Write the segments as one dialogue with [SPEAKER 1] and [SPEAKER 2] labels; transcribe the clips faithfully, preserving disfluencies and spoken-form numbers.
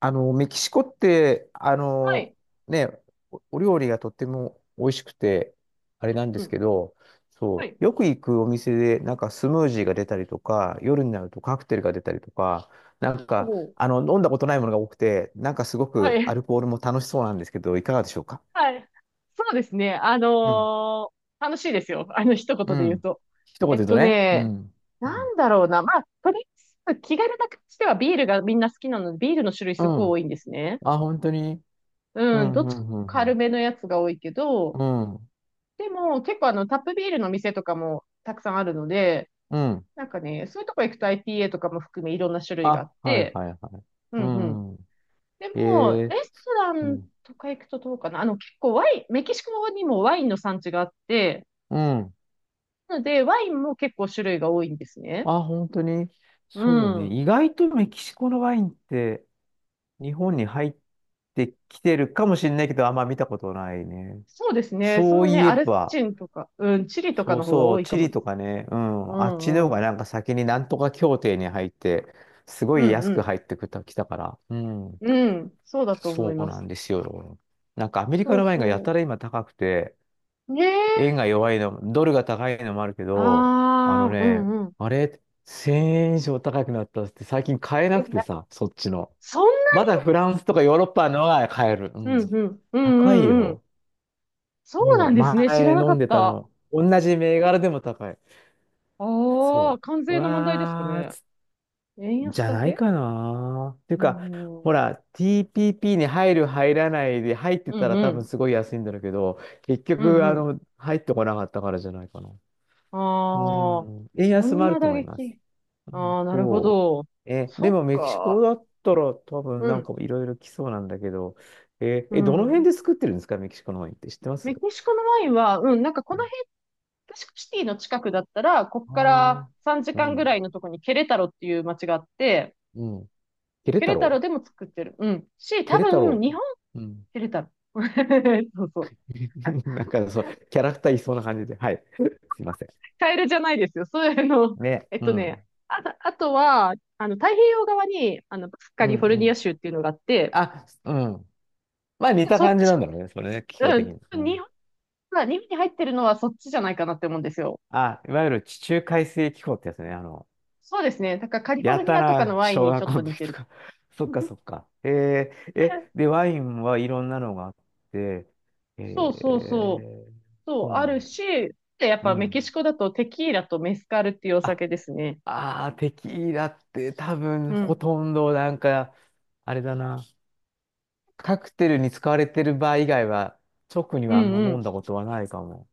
[SPEAKER 1] あの、メキシコって、あ
[SPEAKER 2] は
[SPEAKER 1] の、
[SPEAKER 2] い。
[SPEAKER 1] ね、おお料理がとっても美味しくて、あれなんで
[SPEAKER 2] う
[SPEAKER 1] す
[SPEAKER 2] ん。
[SPEAKER 1] けど、
[SPEAKER 2] は
[SPEAKER 1] そ
[SPEAKER 2] い。
[SPEAKER 1] う、よく行くお店で、なんかスムージーが出たりとか、夜になるとカクテルが出たりとか、なん
[SPEAKER 2] お
[SPEAKER 1] か、
[SPEAKER 2] お、
[SPEAKER 1] あの、飲んだことないものが多くて、なんかすご
[SPEAKER 2] は
[SPEAKER 1] くア
[SPEAKER 2] い。
[SPEAKER 1] ルコールも楽しそうなんですけど、いかがでしょうか？
[SPEAKER 2] はい。そうですね。あ
[SPEAKER 1] うん。
[SPEAKER 2] のー楽しいですよ。あの、一
[SPEAKER 1] う
[SPEAKER 2] 言で言う
[SPEAKER 1] ん。
[SPEAKER 2] と。
[SPEAKER 1] 一言
[SPEAKER 2] え
[SPEAKER 1] で
[SPEAKER 2] っ
[SPEAKER 1] 言うと
[SPEAKER 2] と
[SPEAKER 1] ね。う
[SPEAKER 2] ね、
[SPEAKER 1] ん。う
[SPEAKER 2] な
[SPEAKER 1] ん。
[SPEAKER 2] んだろうな。まあ、とりあえず気軽な感じではビールがみんな好きなので、ビールの種類
[SPEAKER 1] う
[SPEAKER 2] すごい多
[SPEAKER 1] ん。
[SPEAKER 2] いんですね。
[SPEAKER 1] あ、本当に。う
[SPEAKER 2] うん、
[SPEAKER 1] ん、
[SPEAKER 2] どっ
[SPEAKER 1] う
[SPEAKER 2] ち
[SPEAKER 1] ん、うん、う
[SPEAKER 2] 軽めのやつが多いけど、
[SPEAKER 1] ん。うん。
[SPEAKER 2] でも結構あの、タップビールの店とかもたくさんあるので、
[SPEAKER 1] うん。
[SPEAKER 2] なんかね、そういうとこ行くと アイピーエー とかも含めいろんな種類があっ
[SPEAKER 1] あ、はい、
[SPEAKER 2] て、
[SPEAKER 1] はい、はい。
[SPEAKER 2] うん
[SPEAKER 1] う
[SPEAKER 2] うん。
[SPEAKER 1] ん。
[SPEAKER 2] で
[SPEAKER 1] え
[SPEAKER 2] も、
[SPEAKER 1] ー
[SPEAKER 2] レストラ
[SPEAKER 1] う
[SPEAKER 2] ン
[SPEAKER 1] ん。
[SPEAKER 2] とか行くとどうかな。あの、結構ワイン、メキシコにもワインの産地があって、
[SPEAKER 1] うん。
[SPEAKER 2] なので、ワインも結構種類が多いんですね。
[SPEAKER 1] あ、本当に。
[SPEAKER 2] う
[SPEAKER 1] そうね。
[SPEAKER 2] ん。
[SPEAKER 1] 意外とメキシコのワインって日本に入ってきてるかもしれないけど、あんま見たことないね。
[SPEAKER 2] そうですね。そ
[SPEAKER 1] そう
[SPEAKER 2] のね、
[SPEAKER 1] いえ
[SPEAKER 2] アルゼ
[SPEAKER 1] ば、
[SPEAKER 2] ンチンとか、うん、チリとか
[SPEAKER 1] そう
[SPEAKER 2] の方が
[SPEAKER 1] そ
[SPEAKER 2] 多
[SPEAKER 1] う、
[SPEAKER 2] いか
[SPEAKER 1] チ
[SPEAKER 2] も
[SPEAKER 1] リ
[SPEAKER 2] で
[SPEAKER 1] と
[SPEAKER 2] す。
[SPEAKER 1] かね、う
[SPEAKER 2] う
[SPEAKER 1] ん。あっちの方
[SPEAKER 2] んう
[SPEAKER 1] が
[SPEAKER 2] ん。
[SPEAKER 1] なんか先になんとか協定に入って、すご
[SPEAKER 2] う
[SPEAKER 1] い安く
[SPEAKER 2] ん
[SPEAKER 1] 入ってきた、きたから。うん。
[SPEAKER 2] うん。うん。そうだと思
[SPEAKER 1] そ
[SPEAKER 2] い
[SPEAKER 1] う
[SPEAKER 2] ま
[SPEAKER 1] な
[SPEAKER 2] す。
[SPEAKER 1] んですよ。なんかアメリカ
[SPEAKER 2] そう
[SPEAKER 1] のワインがやた
[SPEAKER 2] そ
[SPEAKER 1] ら今高くて、
[SPEAKER 2] う。ね
[SPEAKER 1] 円
[SPEAKER 2] え。
[SPEAKER 1] が弱いの、ドルが高いのもあるけど、あの
[SPEAKER 2] ああ、う
[SPEAKER 1] ね、
[SPEAKER 2] んうん。
[SPEAKER 1] あれ、せんえん以上高くなったっつって最近買えなくて
[SPEAKER 2] え
[SPEAKER 1] さ、そっちの。
[SPEAKER 2] そん
[SPEAKER 1] まだフランスとかヨーロッパのが買える。う
[SPEAKER 2] な、
[SPEAKER 1] ん。
[SPEAKER 2] うんうん。う
[SPEAKER 1] 高い
[SPEAKER 2] んうんうん。
[SPEAKER 1] よ。
[SPEAKER 2] そうな
[SPEAKER 1] も
[SPEAKER 2] ん
[SPEAKER 1] う
[SPEAKER 2] ですね。知
[SPEAKER 1] 前
[SPEAKER 2] らなか
[SPEAKER 1] 飲
[SPEAKER 2] っ
[SPEAKER 1] んでた
[SPEAKER 2] た。あ
[SPEAKER 1] の。同じ銘柄でも高い。
[SPEAKER 2] あ、
[SPEAKER 1] そ
[SPEAKER 2] 関
[SPEAKER 1] う。う
[SPEAKER 2] 税の問題ですか
[SPEAKER 1] わー
[SPEAKER 2] ね。
[SPEAKER 1] つ、
[SPEAKER 2] 円
[SPEAKER 1] じ
[SPEAKER 2] 安
[SPEAKER 1] ゃ
[SPEAKER 2] だ
[SPEAKER 1] ない
[SPEAKER 2] け
[SPEAKER 1] かな。っていう
[SPEAKER 2] う
[SPEAKER 1] か、
[SPEAKER 2] んう
[SPEAKER 1] ほ
[SPEAKER 2] ん。
[SPEAKER 1] ら、ティーピーピー に入る入らないで入って
[SPEAKER 2] う
[SPEAKER 1] た
[SPEAKER 2] ん
[SPEAKER 1] ら
[SPEAKER 2] う
[SPEAKER 1] 多分
[SPEAKER 2] ん。
[SPEAKER 1] すごい安いんだろうけど、結
[SPEAKER 2] うん
[SPEAKER 1] 局、
[SPEAKER 2] う
[SPEAKER 1] あ
[SPEAKER 2] ん。
[SPEAKER 1] の、入ってこなかったからじゃないかな。う
[SPEAKER 2] ああ、
[SPEAKER 1] ん。円
[SPEAKER 2] そ
[SPEAKER 1] 安
[SPEAKER 2] ん
[SPEAKER 1] もあ
[SPEAKER 2] な
[SPEAKER 1] ると
[SPEAKER 2] 打
[SPEAKER 1] 思います。
[SPEAKER 2] 撃。
[SPEAKER 1] うん、
[SPEAKER 2] ああ、なるほ
[SPEAKER 1] そ
[SPEAKER 2] ど。
[SPEAKER 1] う。え、
[SPEAKER 2] そ
[SPEAKER 1] で
[SPEAKER 2] っ
[SPEAKER 1] もメキシコ
[SPEAKER 2] か。
[SPEAKER 1] だったら多分
[SPEAKER 2] う
[SPEAKER 1] なん
[SPEAKER 2] ん。
[SPEAKER 1] かいろいろ来そうなんだけど、え、
[SPEAKER 2] う
[SPEAKER 1] え、どの辺
[SPEAKER 2] ん。
[SPEAKER 1] で作ってるんですか？メキシコのワインって知ってます？
[SPEAKER 2] メキシコのワインは、うん、なんかこの辺、メキシコシティの近くだったら、こっ
[SPEAKER 1] あ
[SPEAKER 2] から
[SPEAKER 1] あ
[SPEAKER 2] 3
[SPEAKER 1] ー、う
[SPEAKER 2] 時間ぐら
[SPEAKER 1] ん、
[SPEAKER 2] いのとこにケレタロっていう街があって、
[SPEAKER 1] うん。ケレ
[SPEAKER 2] ケ
[SPEAKER 1] タ
[SPEAKER 2] レタロ
[SPEAKER 1] ロ
[SPEAKER 2] で
[SPEAKER 1] ウ
[SPEAKER 2] も作ってる。うん。し、
[SPEAKER 1] ケ
[SPEAKER 2] 多
[SPEAKER 1] レタ
[SPEAKER 2] 分、
[SPEAKER 1] ロ
[SPEAKER 2] 日本、
[SPEAKER 1] ウうん。
[SPEAKER 2] ケレタロ。そうそう。
[SPEAKER 1] なんかそう、キャラクターいそうな感じで。はい。すいませ
[SPEAKER 2] カエルじゃないですよ。そういうの。
[SPEAKER 1] ん。ね。
[SPEAKER 2] えっ
[SPEAKER 1] う
[SPEAKER 2] とね、
[SPEAKER 1] ん。
[SPEAKER 2] あと、あとは、あの、太平洋側に、あの、カ
[SPEAKER 1] う
[SPEAKER 2] リ
[SPEAKER 1] ん、
[SPEAKER 2] フォル
[SPEAKER 1] う
[SPEAKER 2] ニア
[SPEAKER 1] ん。
[SPEAKER 2] 州っていうのがあって、
[SPEAKER 1] あ、うん。まあ似た
[SPEAKER 2] そっ
[SPEAKER 1] 感じな
[SPEAKER 2] ち、
[SPEAKER 1] んだろうね。それね、気候
[SPEAKER 2] う
[SPEAKER 1] 的
[SPEAKER 2] ん。
[SPEAKER 1] に。う
[SPEAKER 2] 日
[SPEAKER 1] ん。
[SPEAKER 2] 本が、日本に入ってるのはそっちじゃないかなって思うんですよ。
[SPEAKER 1] あ、いわゆる地中海性気候ってやつね。あの、
[SPEAKER 2] そうですね。だからカリフォ
[SPEAKER 1] や
[SPEAKER 2] ルニ
[SPEAKER 1] た
[SPEAKER 2] アとかの
[SPEAKER 1] ら
[SPEAKER 2] ワイン
[SPEAKER 1] 小
[SPEAKER 2] にち
[SPEAKER 1] 学
[SPEAKER 2] ょっ
[SPEAKER 1] 校
[SPEAKER 2] と
[SPEAKER 1] の
[SPEAKER 2] 似
[SPEAKER 1] 時
[SPEAKER 2] て
[SPEAKER 1] と
[SPEAKER 2] る。
[SPEAKER 1] か。そっかそ っか。えー、え、で、ワインはいろんなのがあって、え
[SPEAKER 2] そうそうそう。
[SPEAKER 1] ー、
[SPEAKER 2] そう、
[SPEAKER 1] そう
[SPEAKER 2] あ
[SPEAKER 1] な
[SPEAKER 2] る
[SPEAKER 1] んだ。
[SPEAKER 2] し、で、やっ
[SPEAKER 1] う
[SPEAKER 2] ぱメキ
[SPEAKER 1] ん。
[SPEAKER 2] シコだとテキーラとメスカルっていうお
[SPEAKER 1] あ、
[SPEAKER 2] 酒ですね。
[SPEAKER 1] あー、テキーラって多分
[SPEAKER 2] う
[SPEAKER 1] ほ
[SPEAKER 2] ん。
[SPEAKER 1] とんどなんか、あれだな。カクテルに使われてる場合以外は、直に
[SPEAKER 2] う
[SPEAKER 1] はあん
[SPEAKER 2] ん
[SPEAKER 1] ま
[SPEAKER 2] う
[SPEAKER 1] 飲ん
[SPEAKER 2] ん。
[SPEAKER 1] だことはないかも。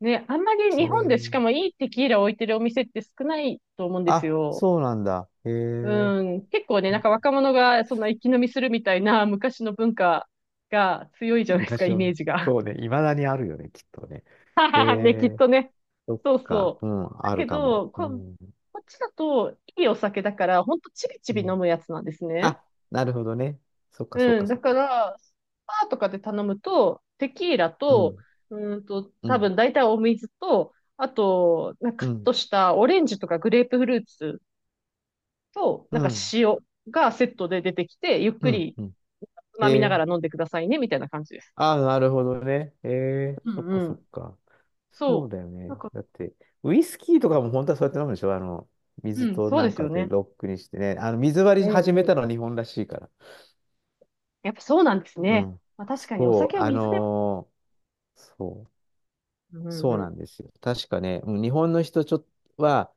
[SPEAKER 2] ね、あんまり
[SPEAKER 1] う
[SPEAKER 2] 日本でし
[SPEAKER 1] ん。
[SPEAKER 2] かもいいテキーラを置いてるお店って少ないと思うんです
[SPEAKER 1] あ、
[SPEAKER 2] よ。
[SPEAKER 1] そうなんだ。へえ。
[SPEAKER 2] うん。結構ね、なんか若者がそんな一気飲みするみたいな昔の文化が強いじゃないですか、
[SPEAKER 1] 昔
[SPEAKER 2] イメ
[SPEAKER 1] の。
[SPEAKER 2] ージが。
[SPEAKER 1] そうね、いまだにあるよね、きっとね。
[SPEAKER 2] は
[SPEAKER 1] へ
[SPEAKER 2] ははね、きっ
[SPEAKER 1] え。
[SPEAKER 2] とね。
[SPEAKER 1] そっ
[SPEAKER 2] そう
[SPEAKER 1] か。
[SPEAKER 2] そ
[SPEAKER 1] う
[SPEAKER 2] う。
[SPEAKER 1] ん、
[SPEAKER 2] だ
[SPEAKER 1] ある
[SPEAKER 2] け
[SPEAKER 1] かも。
[SPEAKER 2] ど、
[SPEAKER 1] う
[SPEAKER 2] こ、
[SPEAKER 1] ん。
[SPEAKER 2] こっちだと、いいお酒だから、ほんとちびち
[SPEAKER 1] う
[SPEAKER 2] び飲
[SPEAKER 1] ん。
[SPEAKER 2] むやつなんですね。
[SPEAKER 1] あ、なるほどね。そっか、そっ
[SPEAKER 2] う
[SPEAKER 1] か、
[SPEAKER 2] ん、だ
[SPEAKER 1] そっ
[SPEAKER 2] か
[SPEAKER 1] か。
[SPEAKER 2] ら、スパーとかで頼むと、テキーラ
[SPEAKER 1] う
[SPEAKER 2] と、
[SPEAKER 1] ん、
[SPEAKER 2] うーんと、
[SPEAKER 1] う
[SPEAKER 2] 多
[SPEAKER 1] ん、
[SPEAKER 2] 分大体お水と、あと、なんか
[SPEAKER 1] う
[SPEAKER 2] カッ
[SPEAKER 1] ん、
[SPEAKER 2] トしたオレンジとかグレープフルーツと、
[SPEAKER 1] う
[SPEAKER 2] なんか
[SPEAKER 1] ん、
[SPEAKER 2] 塩がセットで出てきて、ゆっ
[SPEAKER 1] う
[SPEAKER 2] く
[SPEAKER 1] ん、
[SPEAKER 2] り
[SPEAKER 1] うん。
[SPEAKER 2] つ
[SPEAKER 1] へ、
[SPEAKER 2] まみなが
[SPEAKER 1] え。
[SPEAKER 2] ら飲んでくださいね、みたいな感じです。
[SPEAKER 1] あ、なるほどね。へえ。
[SPEAKER 2] う
[SPEAKER 1] そ
[SPEAKER 2] ん
[SPEAKER 1] っか、
[SPEAKER 2] う
[SPEAKER 1] そっ
[SPEAKER 2] ん。
[SPEAKER 1] か。そう
[SPEAKER 2] そ
[SPEAKER 1] だよ
[SPEAKER 2] う。な
[SPEAKER 1] ね。
[SPEAKER 2] んか、
[SPEAKER 1] だって、ウイスキーとかも本当はそうやって飲むでしょ？あの、
[SPEAKER 2] う
[SPEAKER 1] 水
[SPEAKER 2] ん、
[SPEAKER 1] と
[SPEAKER 2] そう
[SPEAKER 1] な
[SPEAKER 2] で
[SPEAKER 1] ん
[SPEAKER 2] す
[SPEAKER 1] か
[SPEAKER 2] よ
[SPEAKER 1] で
[SPEAKER 2] ね。
[SPEAKER 1] ロックにしてね。あの、水割
[SPEAKER 2] う
[SPEAKER 1] り
[SPEAKER 2] ん
[SPEAKER 1] 始め
[SPEAKER 2] う
[SPEAKER 1] た
[SPEAKER 2] ん
[SPEAKER 1] のは日本らしいから。
[SPEAKER 2] やっぱそうなんです
[SPEAKER 1] う
[SPEAKER 2] ね。
[SPEAKER 1] ん。
[SPEAKER 2] まあ、確かにお
[SPEAKER 1] そ
[SPEAKER 2] 酒
[SPEAKER 1] う、
[SPEAKER 2] は
[SPEAKER 1] あ
[SPEAKER 2] 水で、
[SPEAKER 1] のーそう、
[SPEAKER 2] うんうん
[SPEAKER 1] そう
[SPEAKER 2] う
[SPEAKER 1] な
[SPEAKER 2] ん。
[SPEAKER 1] んですよ。確かね、うん、日本の人ちょっとは、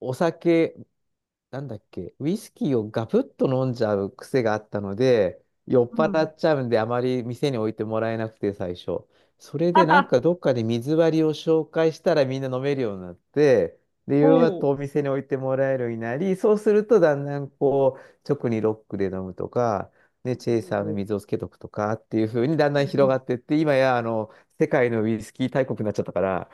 [SPEAKER 1] お酒なんだっけ、ウイスキーをガブッと飲んじゃう癖があったので、酔っ
[SPEAKER 2] う
[SPEAKER 1] 払
[SPEAKER 2] ん。
[SPEAKER 1] っちゃうんで、あまり店に置いてもらえなくて、最初。それ
[SPEAKER 2] は
[SPEAKER 1] で、なん
[SPEAKER 2] は、
[SPEAKER 1] かどっかで水割りを紹介したらみんな飲めるようになって、で、夕
[SPEAKER 2] ほ
[SPEAKER 1] 方
[SPEAKER 2] う。
[SPEAKER 1] お店に置いてもらえるようになり、そうするとだんだんこう、直にロックで飲むとか、ね、チェイ サーの
[SPEAKER 2] ほ
[SPEAKER 1] 水をつけとくとかっていう風にだん
[SPEAKER 2] う
[SPEAKER 1] だ
[SPEAKER 2] んう
[SPEAKER 1] ん
[SPEAKER 2] んう
[SPEAKER 1] 広が
[SPEAKER 2] ん
[SPEAKER 1] ってって、今や、あの、世界のウイスキー大国になっちゃったから、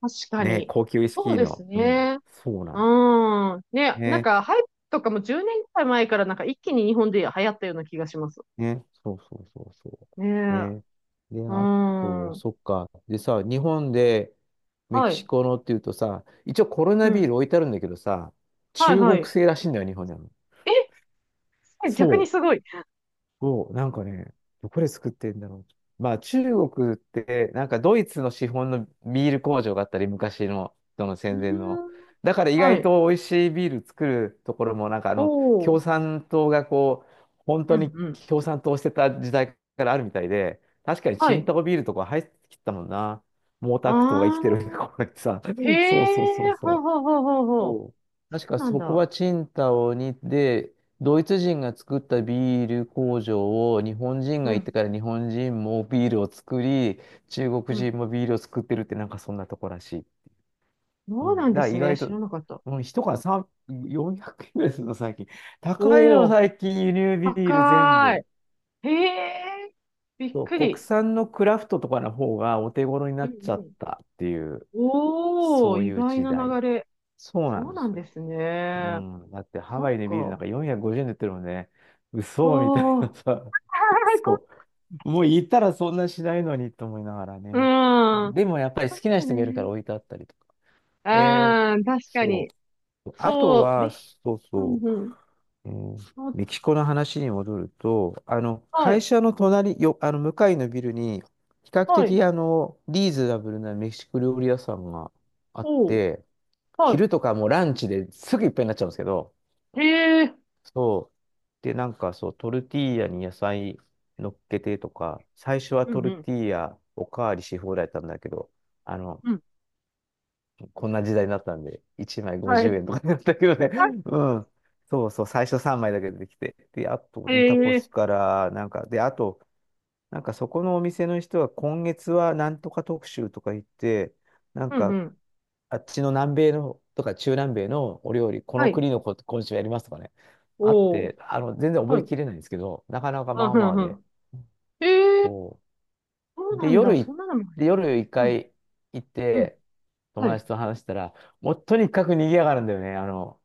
[SPEAKER 2] 確か
[SPEAKER 1] ね、
[SPEAKER 2] に。
[SPEAKER 1] 高級ウイス
[SPEAKER 2] そう
[SPEAKER 1] キー
[SPEAKER 2] です
[SPEAKER 1] の、うん、
[SPEAKER 2] ね。
[SPEAKER 1] そうなんで
[SPEAKER 2] うん。
[SPEAKER 1] す
[SPEAKER 2] ね、なん
[SPEAKER 1] ね。
[SPEAKER 2] か、ハイプとかもじゅうねんくらい前からなんか一気に日本で流行ったような気がします。
[SPEAKER 1] ね。そうそうそうそ
[SPEAKER 2] ね
[SPEAKER 1] う。
[SPEAKER 2] え。
[SPEAKER 1] ね。で、
[SPEAKER 2] う
[SPEAKER 1] あと、
[SPEAKER 2] ん。
[SPEAKER 1] そっか。でさ、日本でメ
[SPEAKER 2] は
[SPEAKER 1] キシ
[SPEAKER 2] い。
[SPEAKER 1] コのっていうとさ、一応コロ
[SPEAKER 2] う
[SPEAKER 1] ナビー
[SPEAKER 2] ん。
[SPEAKER 1] ル置いてあるんだけどさ、
[SPEAKER 2] はい
[SPEAKER 1] 中
[SPEAKER 2] は
[SPEAKER 1] 国
[SPEAKER 2] い。
[SPEAKER 1] 製らしいんだよ、日本にあるの。
[SPEAKER 2] え、すごい逆
[SPEAKER 1] そ
[SPEAKER 2] に
[SPEAKER 1] う。
[SPEAKER 2] すごい。
[SPEAKER 1] そう、なんかね、どこで作ってんだろう。まあ中国って、なんかドイツの資本のビール工場があったり、昔の、その
[SPEAKER 2] うー
[SPEAKER 1] 戦前の。
[SPEAKER 2] ん。
[SPEAKER 1] だから意
[SPEAKER 2] は
[SPEAKER 1] 外
[SPEAKER 2] い。
[SPEAKER 1] と美味しいビール作るところも、なんかあ
[SPEAKER 2] お
[SPEAKER 1] の、
[SPEAKER 2] お。
[SPEAKER 1] 共産党がこう、本
[SPEAKER 2] う
[SPEAKER 1] 当
[SPEAKER 2] ん
[SPEAKER 1] に
[SPEAKER 2] うん。
[SPEAKER 1] 共産党してた時代からあるみたいで、確かに
[SPEAKER 2] は
[SPEAKER 1] チン
[SPEAKER 2] い。
[SPEAKER 1] タオビールとか入ってきたもんな。毛
[SPEAKER 2] あ
[SPEAKER 1] 沢東が生きてる
[SPEAKER 2] あ。
[SPEAKER 1] 頃にさ。
[SPEAKER 2] へ
[SPEAKER 1] そうそうそう
[SPEAKER 2] え、ほう
[SPEAKER 1] そう。
[SPEAKER 2] ほうほうほうほう。
[SPEAKER 1] そう、
[SPEAKER 2] そ
[SPEAKER 1] 確
[SPEAKER 2] う
[SPEAKER 1] か
[SPEAKER 2] なん
[SPEAKER 1] そこは
[SPEAKER 2] だ。
[SPEAKER 1] チンタオにで、ドイツ人が作ったビール工場を日本人
[SPEAKER 2] う
[SPEAKER 1] が行って
[SPEAKER 2] ん。
[SPEAKER 1] から日本人もビールを作り、中国
[SPEAKER 2] うん。
[SPEAKER 1] 人もビールを作ってるってなんかそんなとこらしい。う
[SPEAKER 2] そう
[SPEAKER 1] ん、だ
[SPEAKER 2] なん
[SPEAKER 1] か
[SPEAKER 2] で
[SPEAKER 1] ら
[SPEAKER 2] す
[SPEAKER 1] 意
[SPEAKER 2] ね。
[SPEAKER 1] 外
[SPEAKER 2] 知
[SPEAKER 1] と、
[SPEAKER 2] らなかった。
[SPEAKER 1] うん、一缶さんびゃく、よんひゃくえんぐらいするの最近。高い
[SPEAKER 2] お
[SPEAKER 1] の
[SPEAKER 2] お、
[SPEAKER 1] 最近輸入ビール全
[SPEAKER 2] 高
[SPEAKER 1] 部。
[SPEAKER 2] い。へえ、びっ
[SPEAKER 1] そう、
[SPEAKER 2] く
[SPEAKER 1] 国
[SPEAKER 2] り。
[SPEAKER 1] 産のクラフトとかの方がお手頃に
[SPEAKER 2] う
[SPEAKER 1] な
[SPEAKER 2] んう
[SPEAKER 1] っちゃっ
[SPEAKER 2] ん。
[SPEAKER 1] たっていう、
[SPEAKER 2] おお、
[SPEAKER 1] そう
[SPEAKER 2] 意
[SPEAKER 1] いう
[SPEAKER 2] 外
[SPEAKER 1] 時
[SPEAKER 2] な
[SPEAKER 1] 代。
[SPEAKER 2] 流れ。
[SPEAKER 1] そうなん
[SPEAKER 2] そう
[SPEAKER 1] で
[SPEAKER 2] な
[SPEAKER 1] す
[SPEAKER 2] ん
[SPEAKER 1] よ。
[SPEAKER 2] です
[SPEAKER 1] う
[SPEAKER 2] ね。
[SPEAKER 1] ん。だってハ
[SPEAKER 2] そ
[SPEAKER 1] ワ
[SPEAKER 2] っ
[SPEAKER 1] イでビールなんか
[SPEAKER 2] か。
[SPEAKER 1] よんひゃくごじゅうえんで売ってるもんね。嘘みた
[SPEAKER 2] お
[SPEAKER 1] いな
[SPEAKER 2] お、は
[SPEAKER 1] さ。
[SPEAKER 2] いこ
[SPEAKER 1] そう。もう行ったらそんなしないのにと思いながら
[SPEAKER 2] う
[SPEAKER 1] ね。
[SPEAKER 2] ん。
[SPEAKER 1] でもやっぱり好きな
[SPEAKER 2] そう
[SPEAKER 1] 人がいるか
[SPEAKER 2] ね。
[SPEAKER 1] ら置いてあったりとか。えー、
[SPEAKER 2] ああ、確か
[SPEAKER 1] そ
[SPEAKER 2] に。
[SPEAKER 1] う。あと
[SPEAKER 2] そう。
[SPEAKER 1] は、
[SPEAKER 2] で、
[SPEAKER 1] そう
[SPEAKER 2] うん
[SPEAKER 1] そ
[SPEAKER 2] うん。
[SPEAKER 1] う、えー
[SPEAKER 2] あ
[SPEAKER 1] メキシコの話に戻ると、あの、
[SPEAKER 2] は
[SPEAKER 1] 会
[SPEAKER 2] い。
[SPEAKER 1] 社の隣、よ、あの、向かいのビルに、比較
[SPEAKER 2] はい。
[SPEAKER 1] 的、あの、リーズナブルなメキシコ料理屋さんがあっ
[SPEAKER 2] おう。
[SPEAKER 1] て、
[SPEAKER 2] は
[SPEAKER 1] 昼とかもうランチですぐいっぱいになっちゃうんですけど、
[SPEAKER 2] い。へえ。
[SPEAKER 1] そう。で、なんかそう、トルティーヤに野菜乗っけてとか、最初は
[SPEAKER 2] う
[SPEAKER 1] ト
[SPEAKER 2] んう
[SPEAKER 1] ル
[SPEAKER 2] ん。
[SPEAKER 1] ティーヤおかわりし放題だったんだけど、あの、
[SPEAKER 2] うん。
[SPEAKER 1] こんな時代になったんで、いちまい
[SPEAKER 2] はい。
[SPEAKER 1] ごじゅうえんとかになったけどね。
[SPEAKER 2] は
[SPEAKER 1] うん。そうそう、最初さんまいだけ出てきて。で、あと、
[SPEAKER 2] い。
[SPEAKER 1] タコ
[SPEAKER 2] へ
[SPEAKER 1] ス
[SPEAKER 2] え。
[SPEAKER 1] から、なんか、で、あと、なんかそこのお店の人は今月はなんとか特集とか言って、なん
[SPEAKER 2] うんう
[SPEAKER 1] か
[SPEAKER 2] ん。
[SPEAKER 1] あっちの南米のとか中南米のお料理、こ
[SPEAKER 2] は
[SPEAKER 1] の
[SPEAKER 2] い。
[SPEAKER 1] 国のこ今週やりますとかね、あっ
[SPEAKER 2] お
[SPEAKER 1] て、
[SPEAKER 2] う。
[SPEAKER 1] あの、全然覚
[SPEAKER 2] は
[SPEAKER 1] え
[SPEAKER 2] い。
[SPEAKER 1] きれないんですけど、なかなか
[SPEAKER 2] う
[SPEAKER 1] ま
[SPEAKER 2] ん、
[SPEAKER 1] あ
[SPEAKER 2] う
[SPEAKER 1] ま
[SPEAKER 2] ん、
[SPEAKER 1] あ
[SPEAKER 2] う
[SPEAKER 1] で、
[SPEAKER 2] ん。ええー
[SPEAKER 1] そ
[SPEAKER 2] そう
[SPEAKER 1] う。
[SPEAKER 2] な
[SPEAKER 1] で、
[SPEAKER 2] ん
[SPEAKER 1] 夜
[SPEAKER 2] だ。そ
[SPEAKER 1] い、
[SPEAKER 2] んなのも。
[SPEAKER 1] で、夜一
[SPEAKER 2] うん、
[SPEAKER 1] 回行っ
[SPEAKER 2] うん。
[SPEAKER 1] て、友
[SPEAKER 2] はい。
[SPEAKER 1] 達と話したら、もうとにかく賑やがるんだよね、あの、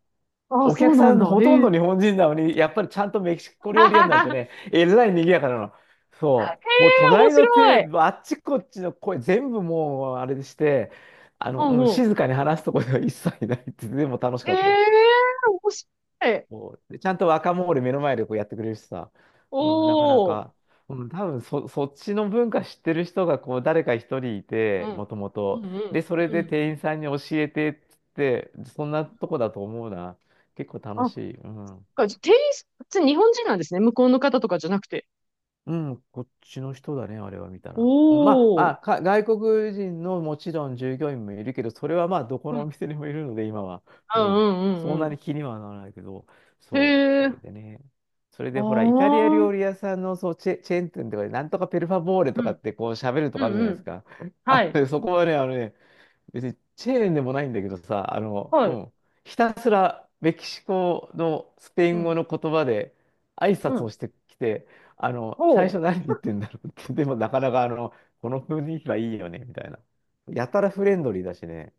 [SPEAKER 2] ああ、
[SPEAKER 1] お
[SPEAKER 2] そ
[SPEAKER 1] 客
[SPEAKER 2] うな
[SPEAKER 1] さ
[SPEAKER 2] ん
[SPEAKER 1] ん
[SPEAKER 2] だ。
[SPEAKER 1] ほとん
[SPEAKER 2] ええ
[SPEAKER 1] ど日本人なのに、やっぱりちゃんとメキシコ
[SPEAKER 2] へえ
[SPEAKER 1] 料理屋になるとね、えらい賑やかなの。そう。もう
[SPEAKER 2] 面
[SPEAKER 1] 隣のテ
[SPEAKER 2] 白
[SPEAKER 1] ー
[SPEAKER 2] い。
[SPEAKER 1] ブル、あっちこっちの声全部もうあれでして、あの、
[SPEAKER 2] ほう
[SPEAKER 1] うん、
[SPEAKER 2] ほ
[SPEAKER 1] 静かに話すとこでは一切ないって、でも楽し
[SPEAKER 2] う。
[SPEAKER 1] かったよ。
[SPEAKER 2] ええ面白い。
[SPEAKER 1] もうでちゃんと若者で目の前でこうやってくれるしさ、
[SPEAKER 2] お
[SPEAKER 1] うん、なかな
[SPEAKER 2] お。
[SPEAKER 1] か、うん、多分そ、そっちの文化知ってる人がこう誰か一人い
[SPEAKER 2] う
[SPEAKER 1] て、
[SPEAKER 2] ん。
[SPEAKER 1] もとも
[SPEAKER 2] うん、
[SPEAKER 1] と。
[SPEAKER 2] うん、
[SPEAKER 1] で、それ
[SPEAKER 2] う
[SPEAKER 1] で
[SPEAKER 2] ん。
[SPEAKER 1] 店員さんに教えてっつって、そんなとこだと思うな。結構
[SPEAKER 2] あ、
[SPEAKER 1] 楽
[SPEAKER 2] そっ
[SPEAKER 1] しい。うん。
[SPEAKER 2] か、じゃあ店員さん、普通に日本人なんですね。向こうの方とかじゃなくて。
[SPEAKER 1] うん、こっちの人だね、あれは見た
[SPEAKER 2] お
[SPEAKER 1] ら。うんまあ、ま
[SPEAKER 2] お。
[SPEAKER 1] あ、か外国人のもちろん従業員もいるけど、それはまあ、どこ
[SPEAKER 2] う
[SPEAKER 1] のお
[SPEAKER 2] ん、
[SPEAKER 1] 店にもいるので、今は。
[SPEAKER 2] う
[SPEAKER 1] う
[SPEAKER 2] ん、
[SPEAKER 1] ん。そ
[SPEAKER 2] う
[SPEAKER 1] ん
[SPEAKER 2] ん、う
[SPEAKER 1] な
[SPEAKER 2] ん
[SPEAKER 1] に気にはならないけど、
[SPEAKER 2] うん。
[SPEAKER 1] そう、
[SPEAKER 2] へ
[SPEAKER 1] そ
[SPEAKER 2] え。
[SPEAKER 1] れでね。それ
[SPEAKER 2] あ
[SPEAKER 1] でほら、イタリア
[SPEAKER 2] あ。うん、
[SPEAKER 1] 料理屋さんのそうチェ、チェーン店とかで、なんとかペルファボーレ
[SPEAKER 2] う
[SPEAKER 1] とか
[SPEAKER 2] ん、
[SPEAKER 1] ってこう喋るとかあるじゃ
[SPEAKER 2] う
[SPEAKER 1] ないです
[SPEAKER 2] ん。
[SPEAKER 1] か。
[SPEAKER 2] は
[SPEAKER 1] あの
[SPEAKER 2] い。
[SPEAKER 1] ねそこはね、あのね、別にチェーンでもないんだけどさ、あの、
[SPEAKER 2] は
[SPEAKER 1] う
[SPEAKER 2] い。
[SPEAKER 1] ん、ひたすらメキシコのスペイ
[SPEAKER 2] う
[SPEAKER 1] ン語
[SPEAKER 2] ん、
[SPEAKER 1] の言葉で挨
[SPEAKER 2] う
[SPEAKER 1] 拶を
[SPEAKER 2] ん。
[SPEAKER 1] してきて、あの、
[SPEAKER 2] お
[SPEAKER 1] 最初
[SPEAKER 2] お。
[SPEAKER 1] 何言ってんだろうって、でもなかなかあの、この雰囲気はいいよね、みたいな。やたらフレンドリーだしね。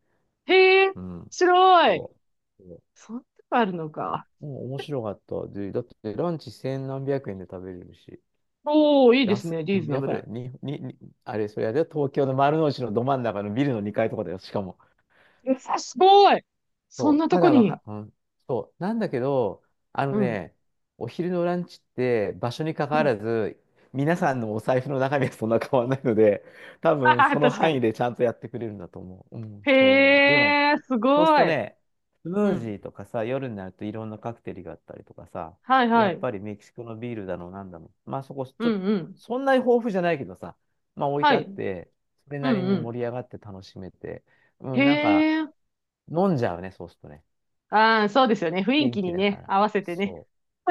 [SPEAKER 2] へえ、面
[SPEAKER 1] うん。
[SPEAKER 2] 白い。
[SPEAKER 1] そう。そう
[SPEAKER 2] そんなとこあるのか。
[SPEAKER 1] もう面白かった。で、だってランチせんなんびゃくえんで食べれるし。
[SPEAKER 2] おー、いいです
[SPEAKER 1] 安
[SPEAKER 2] ね。リー
[SPEAKER 1] い、
[SPEAKER 2] ズナ
[SPEAKER 1] や
[SPEAKER 2] ブ
[SPEAKER 1] ば
[SPEAKER 2] ル。
[SPEAKER 1] い。に、に、に、あれ、それあれだよ、東京の丸の内のど真ん中のビルのにかいとかだよ、しかも。
[SPEAKER 2] やさすごい。そん
[SPEAKER 1] そう、
[SPEAKER 2] なと
[SPEAKER 1] ま
[SPEAKER 2] こ
[SPEAKER 1] だわ
[SPEAKER 2] に。
[SPEAKER 1] か、うん、そう、なんだけど、あの
[SPEAKER 2] うん。
[SPEAKER 1] ね、お昼のランチって場所に関
[SPEAKER 2] う
[SPEAKER 1] わ
[SPEAKER 2] ん。
[SPEAKER 1] らず、皆さんのお財布の中身はそんな変わらないので、多
[SPEAKER 2] あ
[SPEAKER 1] 分
[SPEAKER 2] はは
[SPEAKER 1] その
[SPEAKER 2] 確か
[SPEAKER 1] 範
[SPEAKER 2] に。
[SPEAKER 1] 囲でちゃんとやってくれるんだと思う。うん、そう。でも、
[SPEAKER 2] へえ、す
[SPEAKER 1] そうする
[SPEAKER 2] ご
[SPEAKER 1] と
[SPEAKER 2] い。
[SPEAKER 1] ね、スム
[SPEAKER 2] う
[SPEAKER 1] ージ
[SPEAKER 2] ん。
[SPEAKER 1] ーとかさ、夜になるといろんなカクテルがあったりとかさ、
[SPEAKER 2] はい
[SPEAKER 1] でや
[SPEAKER 2] は
[SPEAKER 1] っ
[SPEAKER 2] い。
[SPEAKER 1] ぱりメキシコのビールだの、なんだの。まあそこ、ち
[SPEAKER 2] う
[SPEAKER 1] ょっと、
[SPEAKER 2] んうん。
[SPEAKER 1] そんなに豊富じゃないけどさ、まあ置い
[SPEAKER 2] は
[SPEAKER 1] てあ
[SPEAKER 2] い。
[SPEAKER 1] っ
[SPEAKER 2] うん
[SPEAKER 1] て、それなり
[SPEAKER 2] う
[SPEAKER 1] に
[SPEAKER 2] ん。
[SPEAKER 1] 盛り上がって楽しめて、う
[SPEAKER 2] へ
[SPEAKER 1] ん、なんか
[SPEAKER 2] え。
[SPEAKER 1] 飲んじゃうね、そうするとね。
[SPEAKER 2] ああ、そうですよね。雰囲
[SPEAKER 1] 元
[SPEAKER 2] 気
[SPEAKER 1] 気
[SPEAKER 2] に
[SPEAKER 1] だか
[SPEAKER 2] ね、
[SPEAKER 1] ら。
[SPEAKER 2] 合わせてね。
[SPEAKER 1] そ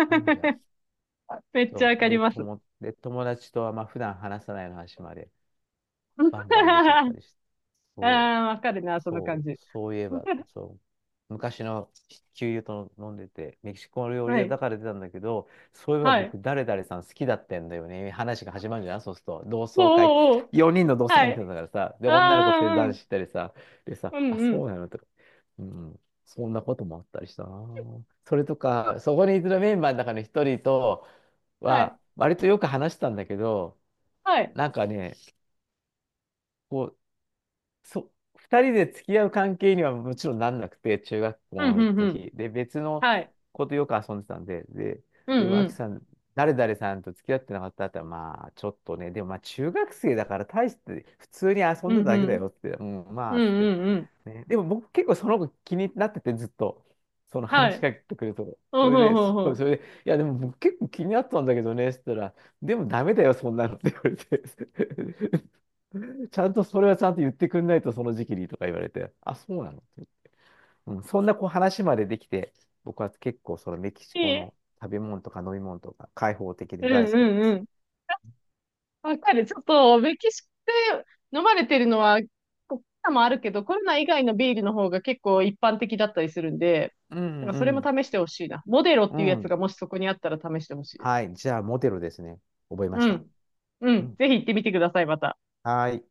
[SPEAKER 1] う。なんじゃ。
[SPEAKER 2] めっちゃ
[SPEAKER 1] そ
[SPEAKER 2] わ
[SPEAKER 1] う。
[SPEAKER 2] かり
[SPEAKER 1] で、
[SPEAKER 2] ます。
[SPEAKER 1] 友、で、友達とは、まあ、普段話さないような話まで、バンバン出ちゃった りして。
[SPEAKER 2] あ
[SPEAKER 1] そう。
[SPEAKER 2] あ、わかるな、その感
[SPEAKER 1] そう、
[SPEAKER 2] じ。
[SPEAKER 1] そういえば、そう、昔の旧友と飲んでて、メキシコ料理
[SPEAKER 2] は
[SPEAKER 1] 屋だ
[SPEAKER 2] い。
[SPEAKER 1] から出たんだけど、そういえば
[SPEAKER 2] はい。
[SPEAKER 1] 僕、誰々さん好きだったんだよね。話が始まるじゃん、そうすると。同
[SPEAKER 2] お
[SPEAKER 1] 窓会、
[SPEAKER 2] うおうおう。
[SPEAKER 1] よにんの同窓
[SPEAKER 2] は
[SPEAKER 1] 会見てたん
[SPEAKER 2] い。
[SPEAKER 1] だからさ、で、
[SPEAKER 2] あ
[SPEAKER 1] 女の子ふたり
[SPEAKER 2] あ、う
[SPEAKER 1] 男
[SPEAKER 2] ん
[SPEAKER 1] 子行ったりさ、でさ、
[SPEAKER 2] うん。う
[SPEAKER 1] あ、
[SPEAKER 2] んう
[SPEAKER 1] そう
[SPEAKER 2] ん。
[SPEAKER 1] なのとか、うん、そんなこともあったりしたな。それとか、そこにいるメンバーの中の一人と
[SPEAKER 2] はい。
[SPEAKER 1] は、割とよく話したんだけど、
[SPEAKER 2] はい。
[SPEAKER 1] なんかね、こそう、二人で付き合う関係にはもちろんなんなくて、中学校
[SPEAKER 2] うん、
[SPEAKER 1] の
[SPEAKER 2] うん、うん。
[SPEAKER 1] 時。で、別の
[SPEAKER 2] はい。
[SPEAKER 1] 子とよく遊んでたんで、で、
[SPEAKER 2] う
[SPEAKER 1] で、
[SPEAKER 2] ん、う
[SPEAKER 1] 脇
[SPEAKER 2] ん。
[SPEAKER 1] さん、誰々さんと付き合ってなかったって言ったら、まあ、ちょっとね、でもまあ、中学生だから大して、普通に遊
[SPEAKER 2] う
[SPEAKER 1] んでた
[SPEAKER 2] ん、う
[SPEAKER 1] だけだ
[SPEAKER 2] ん。
[SPEAKER 1] よって、うん、ま
[SPEAKER 2] うん、
[SPEAKER 1] あ、つって。
[SPEAKER 2] うん、うん。
[SPEAKER 1] ね、でも僕結構その子気になってて、ずっと、その
[SPEAKER 2] はい。
[SPEAKER 1] 話しかけてくると。
[SPEAKER 2] う
[SPEAKER 1] そ
[SPEAKER 2] ん、ほ
[SPEAKER 1] れ
[SPEAKER 2] う
[SPEAKER 1] で、
[SPEAKER 2] ん、う
[SPEAKER 1] そ
[SPEAKER 2] ほ
[SPEAKER 1] う、
[SPEAKER 2] う
[SPEAKER 1] それで、いや、でも僕結構気になったんだけどね、って言ったら、でもダメだよ、そんなのって言われて。ちゃんとそれはちゃんと言ってくんないとその時期にとか言われて、あ、そうなの、うん、そんなこう話までできて、僕は結構そのメキシ
[SPEAKER 2] いい
[SPEAKER 1] コ
[SPEAKER 2] え。
[SPEAKER 1] の食べ物とか飲み物とか開放的
[SPEAKER 2] う
[SPEAKER 1] で
[SPEAKER 2] ん、
[SPEAKER 1] 大好
[SPEAKER 2] う
[SPEAKER 1] きで
[SPEAKER 2] ん、う
[SPEAKER 1] す。
[SPEAKER 2] ん。わかる。ちょっと、メキシコで飲まれてるのは、コロナもあるけど、コロナ以外のビールの方が結構一般的だったりするんで、
[SPEAKER 1] う
[SPEAKER 2] なんかそれも
[SPEAKER 1] ん
[SPEAKER 2] 試してほしいな。モデロっ
[SPEAKER 1] う
[SPEAKER 2] ていう
[SPEAKER 1] ん。
[SPEAKER 2] や
[SPEAKER 1] う
[SPEAKER 2] つが
[SPEAKER 1] ん。
[SPEAKER 2] もしそこにあったら試してほしいです。
[SPEAKER 1] はい。じゃあ、モテロですね。覚えま
[SPEAKER 2] う
[SPEAKER 1] した。
[SPEAKER 2] ん。う
[SPEAKER 1] う
[SPEAKER 2] ん。
[SPEAKER 1] ん。
[SPEAKER 2] ぜひ行ってみてください、また。
[SPEAKER 1] はい。